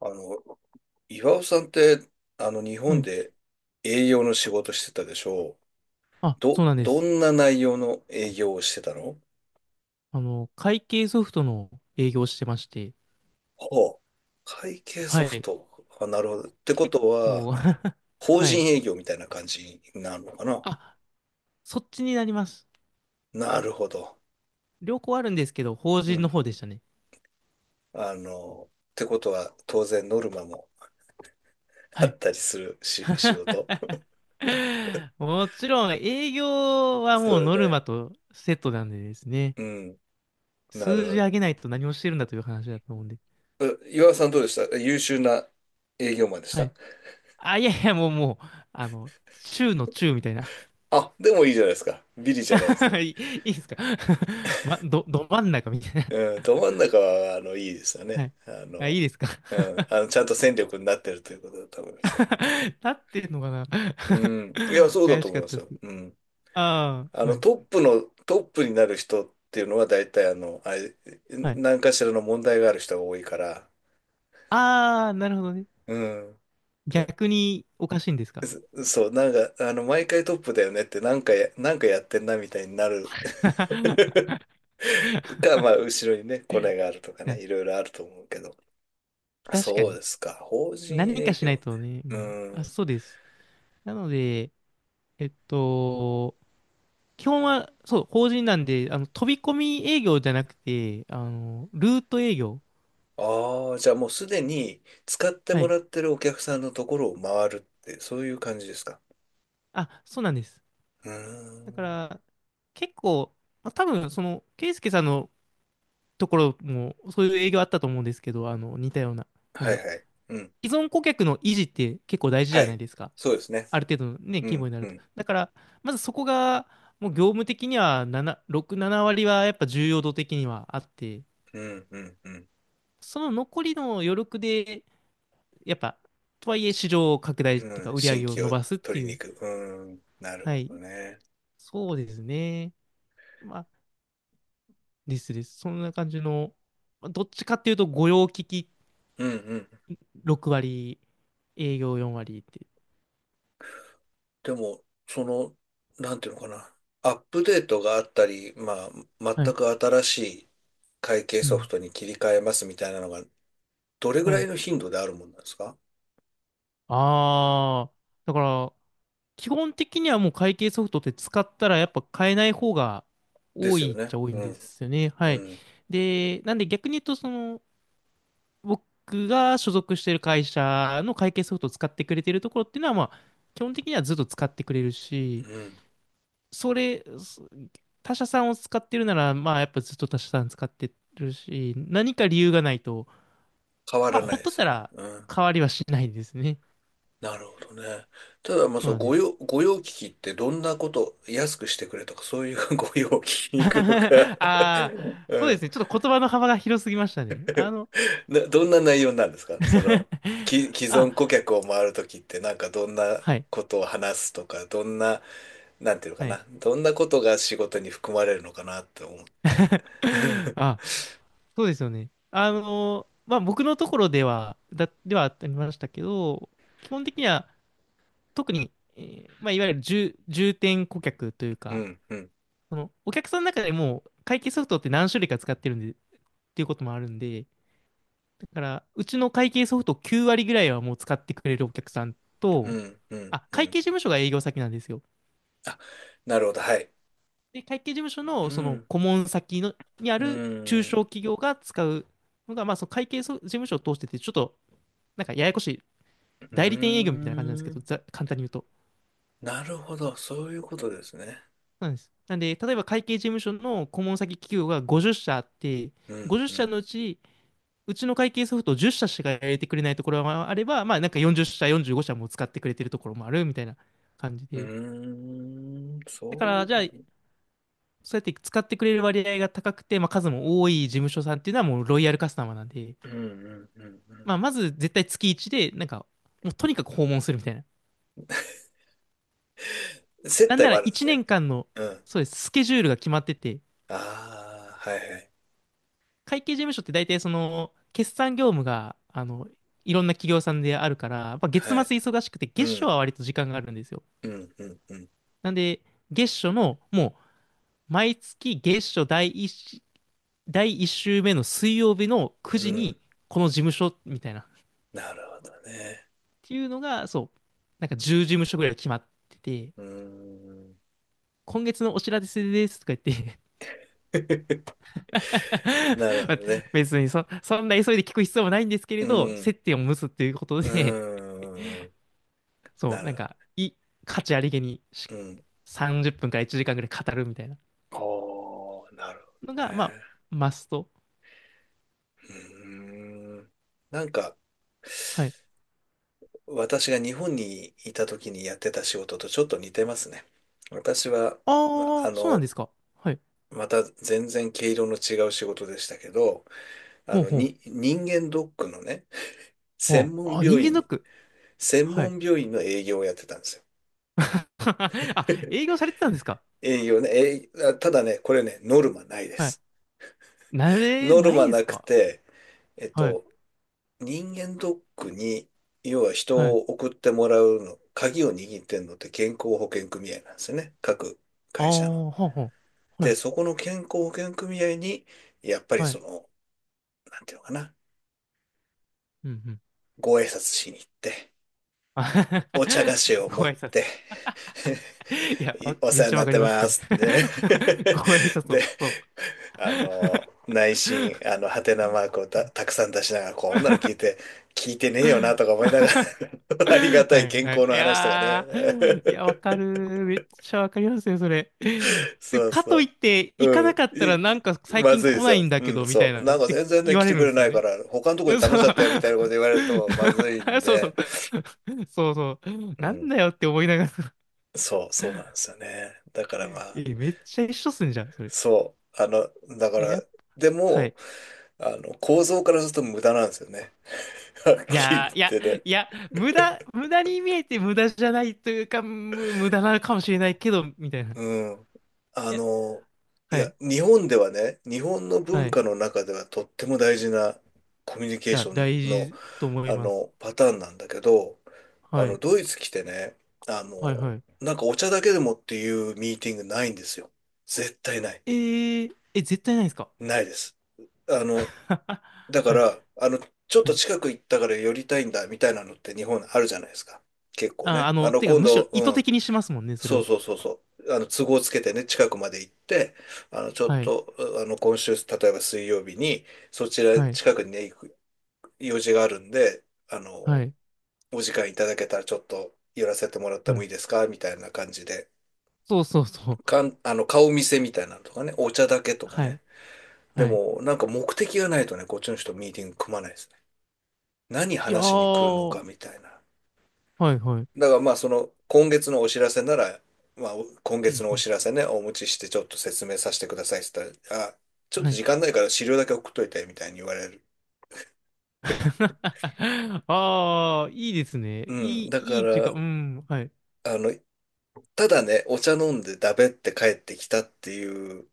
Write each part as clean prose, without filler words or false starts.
あの、岩尾さんって、日は本い。で営業の仕事してたでしょう。あ、そど、うなんでどす。んな内容の営業をしてたの？あの、会計ソフトの営業をしてまして、ほう。会計ソはフい。ト。あ、なるほど。ってこ結とは、構 法はい。人営業みたいな感じになるのかな？あ、そっちになります。なるほど。両方あるんですけど、法う人のん。方でしたね。ってことは、当然ノルマも あはい。ったりするし、仕事。もちろん、営業はそもううノだルね。マとセットなんでですね、うん。な数字る上げないと何をしてるんだという話だと思うんで。ほど。え、岩尾さんどうでした？優秀な営業マンでしはた？い。あ、いやいや、もうもう、あの、中の中みたいな。あ、でもいいじゃないですか。ビリじゃないです ね。いいですか？ ま、ど真ん中みたいうん、ど真ん中は、いいですよな。はね。い。あ、いいですか？ ちゃんと戦力になってるということだと思いますよ。なってるのかな？ うん。いや、そうだ怪とし思いかっまたすでよ。す。うん。ああ、はい。トップになる人っていうのは、大体、あの、あれ、はい。何かしらの問題がある人が多いから、ああ、なるほどね。うん。逆におかしいんですか？ そう、毎回トップだよねって、なんかやってんな、みたいになる は まあ、後ろにね、コネがあるとかい。ね、いろいろあると思うけど。確かそうに。ですか。法人何営かし業ないとね。うね。うん、あ、ん。そうです。なので、えっと、基本は、そう、法人なんで、あの、飛び込み営業じゃなくて、あの、ルート営業。ああ、じゃあもうすでに使ってはもい。らってるお客さんのところを回るって、そういう感じですか。あ、そうなんです。うーだかん。ら、結構、まあ多分、その、ケイスケさんのところも、そういう営業あったと思うんですけど、あの、似たような、なんはだいろはい。うん。う、既存顧客の維持って結構大事じはゃないい。ですか。そうですね。ある程度のね、う規模ん、になうると。ん、だから、まずそこが、もう業務的には7、6、7割はやっぱ重要度的にはあって、うん、うん、うん。その残りの余力で、やっぱ、とはいえ市場を拡大っていううか、ん、売り上新げを規伸をばすって取りにいう、行く。うん。なるはほい、どね。そうですね。まあ、ですです。そんな感じの、まあどっちかっていうと、御用聞きうん、うん。6割、営業4割って。でも、その、なんていうのかな。アップデートがあったり、まあ、は全い。く新しい会計うソフん。トに切り替えますみたいなのがどれぐはらいい。の頻度であるもんなんですか？ああ、だから、基本的にはもう会計ソフトって使ったらやっぱ買えない方がで多すよいっね。ちゃ多いんうでん、すよね。はうい。ん、で、なんで逆に言うと、その、僕が所属してる会社の会計ソフトを使ってくれてるところっていうのは、まあ、基本的にはずっと使ってくれるうし、ん。それ、そ他社さんを使ってるなら、まあ、やっぱずっと他社さん使ってるし、何か理由がないと、変わまあ、らなほいっでとっすたよね。らうん。変わりはしないんですね。なるほどね。ただ、まあ、そそうのなんで御す。用、御用聞きってどんなこと、安くしてくれとか、そういう 御用聞きに行くのか？ ああ、そうでうすん。ね。ちょっと言葉の幅が広すぎましたね。あの どんな内容なんですか、そ の、既あ、存顧客を回るときって、なんかどんなはい、ことを話すとか、どんな、なんていうのかはい。な、どんなことが仕事に含まれるのかなって思って。あ、そうですよね。あの、まあ、僕のところでは、ではありましたけど、基本的には、特に、まあ、いわゆる重点顧客といううか、ん、うん、その、お客さんの中でも、会計ソフトって何種類か使ってるんで、っていうこともあるんで、だから、うちの会計ソフト9割ぐらいはもう使ってくれるお客さんうと、ん、うん、あ、う会ん。計事務所が営業先なんですよ。あ、なるほど、はい。で、会計事務所うのそのん、顧問先のにあうる中ん、小企業が使うのが、まあ、その会計事務所を通してて、ちょっとなんかややこしいう代理店営業みたいな感じなんですーけど、ん。簡単に言うと。なるほど、そういうことですね。なんです。なんで、例えば会計事務所の顧問先企業が50社あって、うん、う50社ん、のうちうちの会計ソフト10社しか入れてくれないところもあれば、まあなんか40社、45社も使ってくれてるところもあるみたいな感じうで。ーん、だかそういうらこじゃあ、そうやって使ってくれる割合が高くて、まあ数も多い事務所さんっていうのはもうロイヤルカスタマーなんで、と。うん、うん、うん、うまあまず絶対月1で、なんかもうとにかく訪問するみたいな。ん。接なん待なもらあるんで1す年ね。間の、うん。そうです、スケジュールが決まってて、ああ、はい、会計事務所って大体その、決算業務が、あの、いろんな企業さんであるから、やっぱ月は末い、はい。忙しくて、う月初ん、は割と時間があるんですよ。うん、うん、うん、なんで、月初の、もう、毎月月初第一し、第一週目の水曜日の9う時に、ん。この事務所、みたいな。っなるほどね。ていうのが、そう、なんか10事務所ぐらい決まってて、うーん、今月のお知らせですとか言って なるほまあどね。別にそんな急いで聞く必要もないんですけれうど、ん、接点を結ぶっていうことうで、ーん、そう、なるほ価値ありげにしど。うん。30分から1時間ぐらい語るみたいなおー、なるほのどが、まあ、ね。マスト。うーん。なんか、はい。私が日本にいた時にやってた仕事とちょっと似てますね。私は、ま、あああ、そうなんの、ですか。はい。また全然毛色の違う仕事でしたけど、ほうほう。人間ドックのね、専ほう。門あ、人病間ドッ院、ク。専はい。門病院の営業をやってたんですよ。あ、営業されてたんですか？営業ね、ただね、これね、ノルマないではい。す。なれノルないんマでなすくか？て、えっはい。と、人間ドックに、要は人はをい。送ってもらうの、鍵を握ってんのって健康保険組合なんですよね。各ああ、会社の。ほうほう。はで、い。そこの健康保険組合に、やっぱりはそい。の、なんていうのかな、うんうん。ご挨拶しに行って、あ お茶菓子を持ごっ挨拶。て、い や、いおめ世っ話にちゃなわっかてります、そまれ。すってね。ご挨 拶を、で、そう。内心、ハテナマークをたく さん出しながら、こんなの聞いて、聞いてねえよなとか思いながら ありがたはいい健は康い。のい話とかね。やー、いや、わかる。めっちゃわかりますよ、それ。で、そうかそといって、う。行かなうかっん。たい、らいなんか最ま近ずいで来すないよ。んだうけん、ど、みたいそな、う。っなんかて全然ね、言わ来れてるんくでれすなよいかね。ら、他のとこに頼んそう じゃったよみたいなこと言われるとまずいん そうそう。で、そうそう。うなんん。だよって思いながら、そう、そうなんですよね。だからまあ、え、めっちゃ一緒っすんじゃん、それ。いそう。あの、だかや、やっら、ぱではも、い。あの、構造からすると無駄なんですよね。はっいきりや言っー、いや、てね。いや、無駄に見えて無駄じゃないというか、無駄なのかもしれないけど、みたいな。いうん。あや、の、いはや、い、日本ではね、日本のは文い。化の中ではとっても大事なコミュニケーや、ション大の事と思います。パターンなんだけど、はい。ドイツ来てね、あの、はいはい。なんかお茶だけでもっていうミーティングないんですよ。絶対ない。えー、え、絶対ないですか？ ないです。あの、だかはい。ら、あの、ちょっはとい。近く行ったから寄りたいんだみたいなのって日本あるじゃないですか。結構あ、あね。の、てか、今むし度、ろ意う図ん。的にしますもんね、それそうを。そうそうそう。都合つけてね、近くまで行って、あの、ちょっはい。と、あの、今週、例えば水曜日に、そちらはい。近くにね、行く用事があるんで、あはの、い。お時間いただけたらちょっと寄らせてもらってうもいん。いですかみたいな感じで。そうそうそう。かん、あの、顔見せみたいなのとかね、お茶だけとかはね。い。ではい。も、なんか目的がないとね、こっちの人ミーティング組まないですね。何いや話しに来るのかー。みたいな。はいはい。だからまあ、その、今月のお知らせなら、まあ、今う月んのおうん。知らせね、お持ちしてちょっと説明させてくださいって言ったら、あ、ちょっはとい。時間ないから資料だけ送っといて、みたいに言われる。ああ、いいですね。ういん。い、だかいいっていうか、ら、うん、はい、あの、ただね、お茶飲んでだべって帰ってきたっていう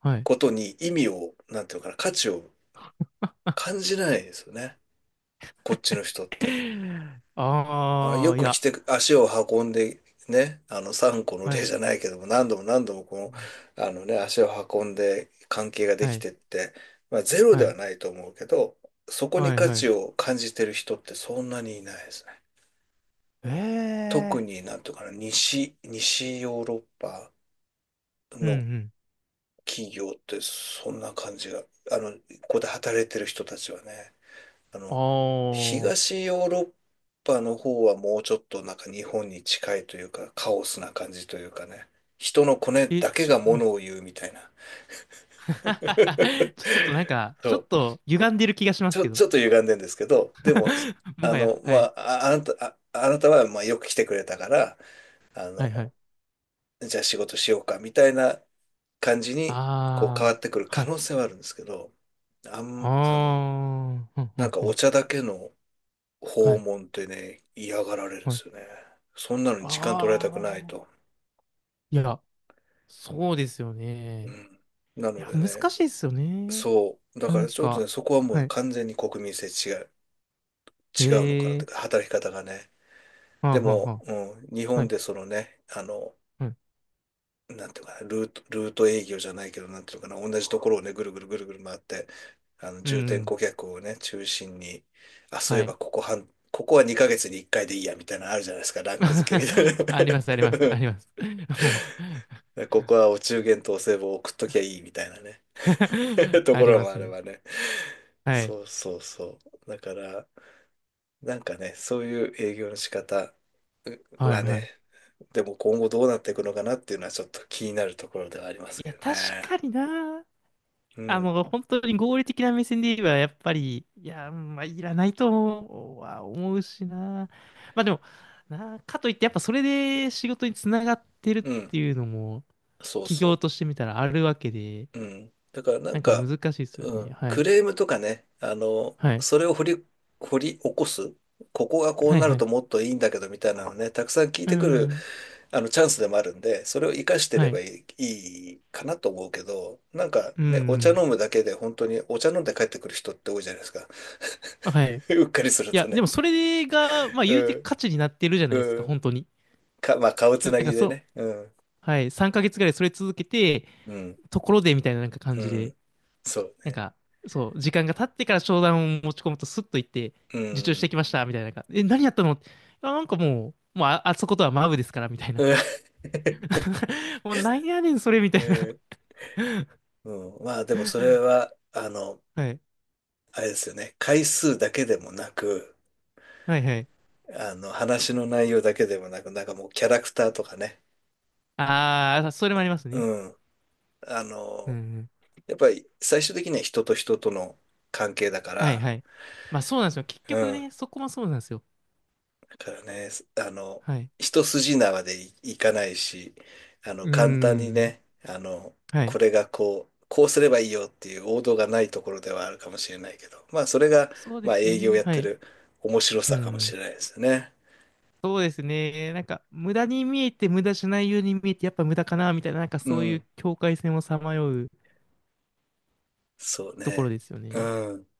はい。ことに意味を、なんていうのかな、価値を感じないですよね。こっちの人って。あ、あよあ、いく来や、て、足を運んで、ね、3個のは例じい、ゃないけども、何度も何度もこうの、んあのね、足を運んで関係がではきい、てって、まあ、ゼロはではい、ないと思うけど、そこにはい、価は値い。を感じてる人ってそんなにいないですね。え特え、になんていうかな、西ヨーロッパうん、うのん、企業ってそんな感じが、ここで働いてる人たちはね。ああの、あ。東ヨーロッパの方はもうちょっとなんか日本に近いというか、カオスな感じというかね、人のコネだけがもはい。 のを言うみたいな。ちょっとなんか、そちょっう。と歪んでる気がしますけど。ちょっと歪んでんですけど、でも、もあはや、の、まはい。あ、あ、あなた、あ、あなたはまあよく来てくれたから、あはいはの、い。じゃあ仕事しようかみたいな感じにこう変わあってくるあ。は可い。能性はあるんですけど、あん、あの、ああ。ふんふなんんかふおん。茶だけのは訪い。問ってね、嫌がられるんはでい。すよね。そんなのに時間取られたくなあいと。あ。いや、そうですようね。ん。ないのや、で難ね、しいですよね。そう。だなからんちょっとか、ね、そこはもはうい。完全に国民性違う、違うのかなといえうか、え、働き方がね。はあではあも、はうん、日あ。は本い。でそのね、はい。なんていうのかな、ルート営業じゃないけど、なんていうのかな、同じところをね、ぐるぐるぐるぐる回って、う重点ん。顧客をね、中心に、あ、そういえはい。ばここは2ヶ月に1回でいいや、みたいなのあるじゃないですか、ランク付けみたい あります、あります、あな。り ます。もう ね、ここはお中元とお歳暮を送っときゃいいみたいなね。 とあこりろまもあすれね。ばね。はい。そうそうそう。だから、なんかね、そういう営業の仕方ははいはね、い。でも今後どうなっていくのかなっていうのはちょっと気になるところではありまいすけや、ど確ね。かにな。うあん。の、本当に合理的な目線で言えば、やっぱり、いや、まあ、いらないと思うは思うしな。まあでも、な、かといって、やっぱそれで仕事につながってるっうん。ていうのも、そう企業そとしてみたらあるわけで、う。うん。だからなんなんか難か、しいですようね。ん。はクい。レームとかね、はい。それを掘り起こす。ここがこうはいなるはい。ともっといいんだけどみたいなのね、たくさん聞いうてくるん。チャンスでもあるんで、それを活かしてはればい。いいかなと思うけど、なんかうん、うね、お茶ん。飲むだけで本当にお茶飲んで帰ってくる人って多いじゃないですか。はいうんはいうんはい。 うっかりするいとや、でね。もそれが、まあ言うてうん、価値になってるじゃないですうか、ん。本当に。まあ、顔つなんなぎかでそう、ね。うん、はい。3ヶ月ぐらいそれ続けて、うん、ところでみたいななんか感うじで、ん。そうなんね。か、そう、時間が経ってから商談を持ち込むとスッと行って、う受注してん、きました、みたいななんか。え、何やったの？あ、なんかもう、もうあ、あそことはマブですから、みたいな。うん もうなんやねん、それ、みえたいな。ーうん、まあ、でもそれは、はい。あれですよね。回数だけでもなく、はいはい。話の内容だけでもなく、なんかもうキャラクターとかね。ああ、それもありますね。うん。あうんうの、ん。やっぱり最終的には人と人との関係だかはいら、はい。まあそうなんですよ。結う局ん。ね、そこもそうなんですよ。だからね、あの、はい。一筋縄でいかないし、うー簡単にん。ね、はい。これがこう、こうすればいいよっていう王道がないところではあるかもしれないけど、まあ、それが、そうでまあ、すよ営業ね。やっはてい。る面白うさかもしん。れないですよね。そうですね。なんか、無駄に見えて、無駄じゃないように見えて、やっぱ無駄かな、みたいな、なんかうそういうん。境界線をさまようそうところね。ですようね。ん。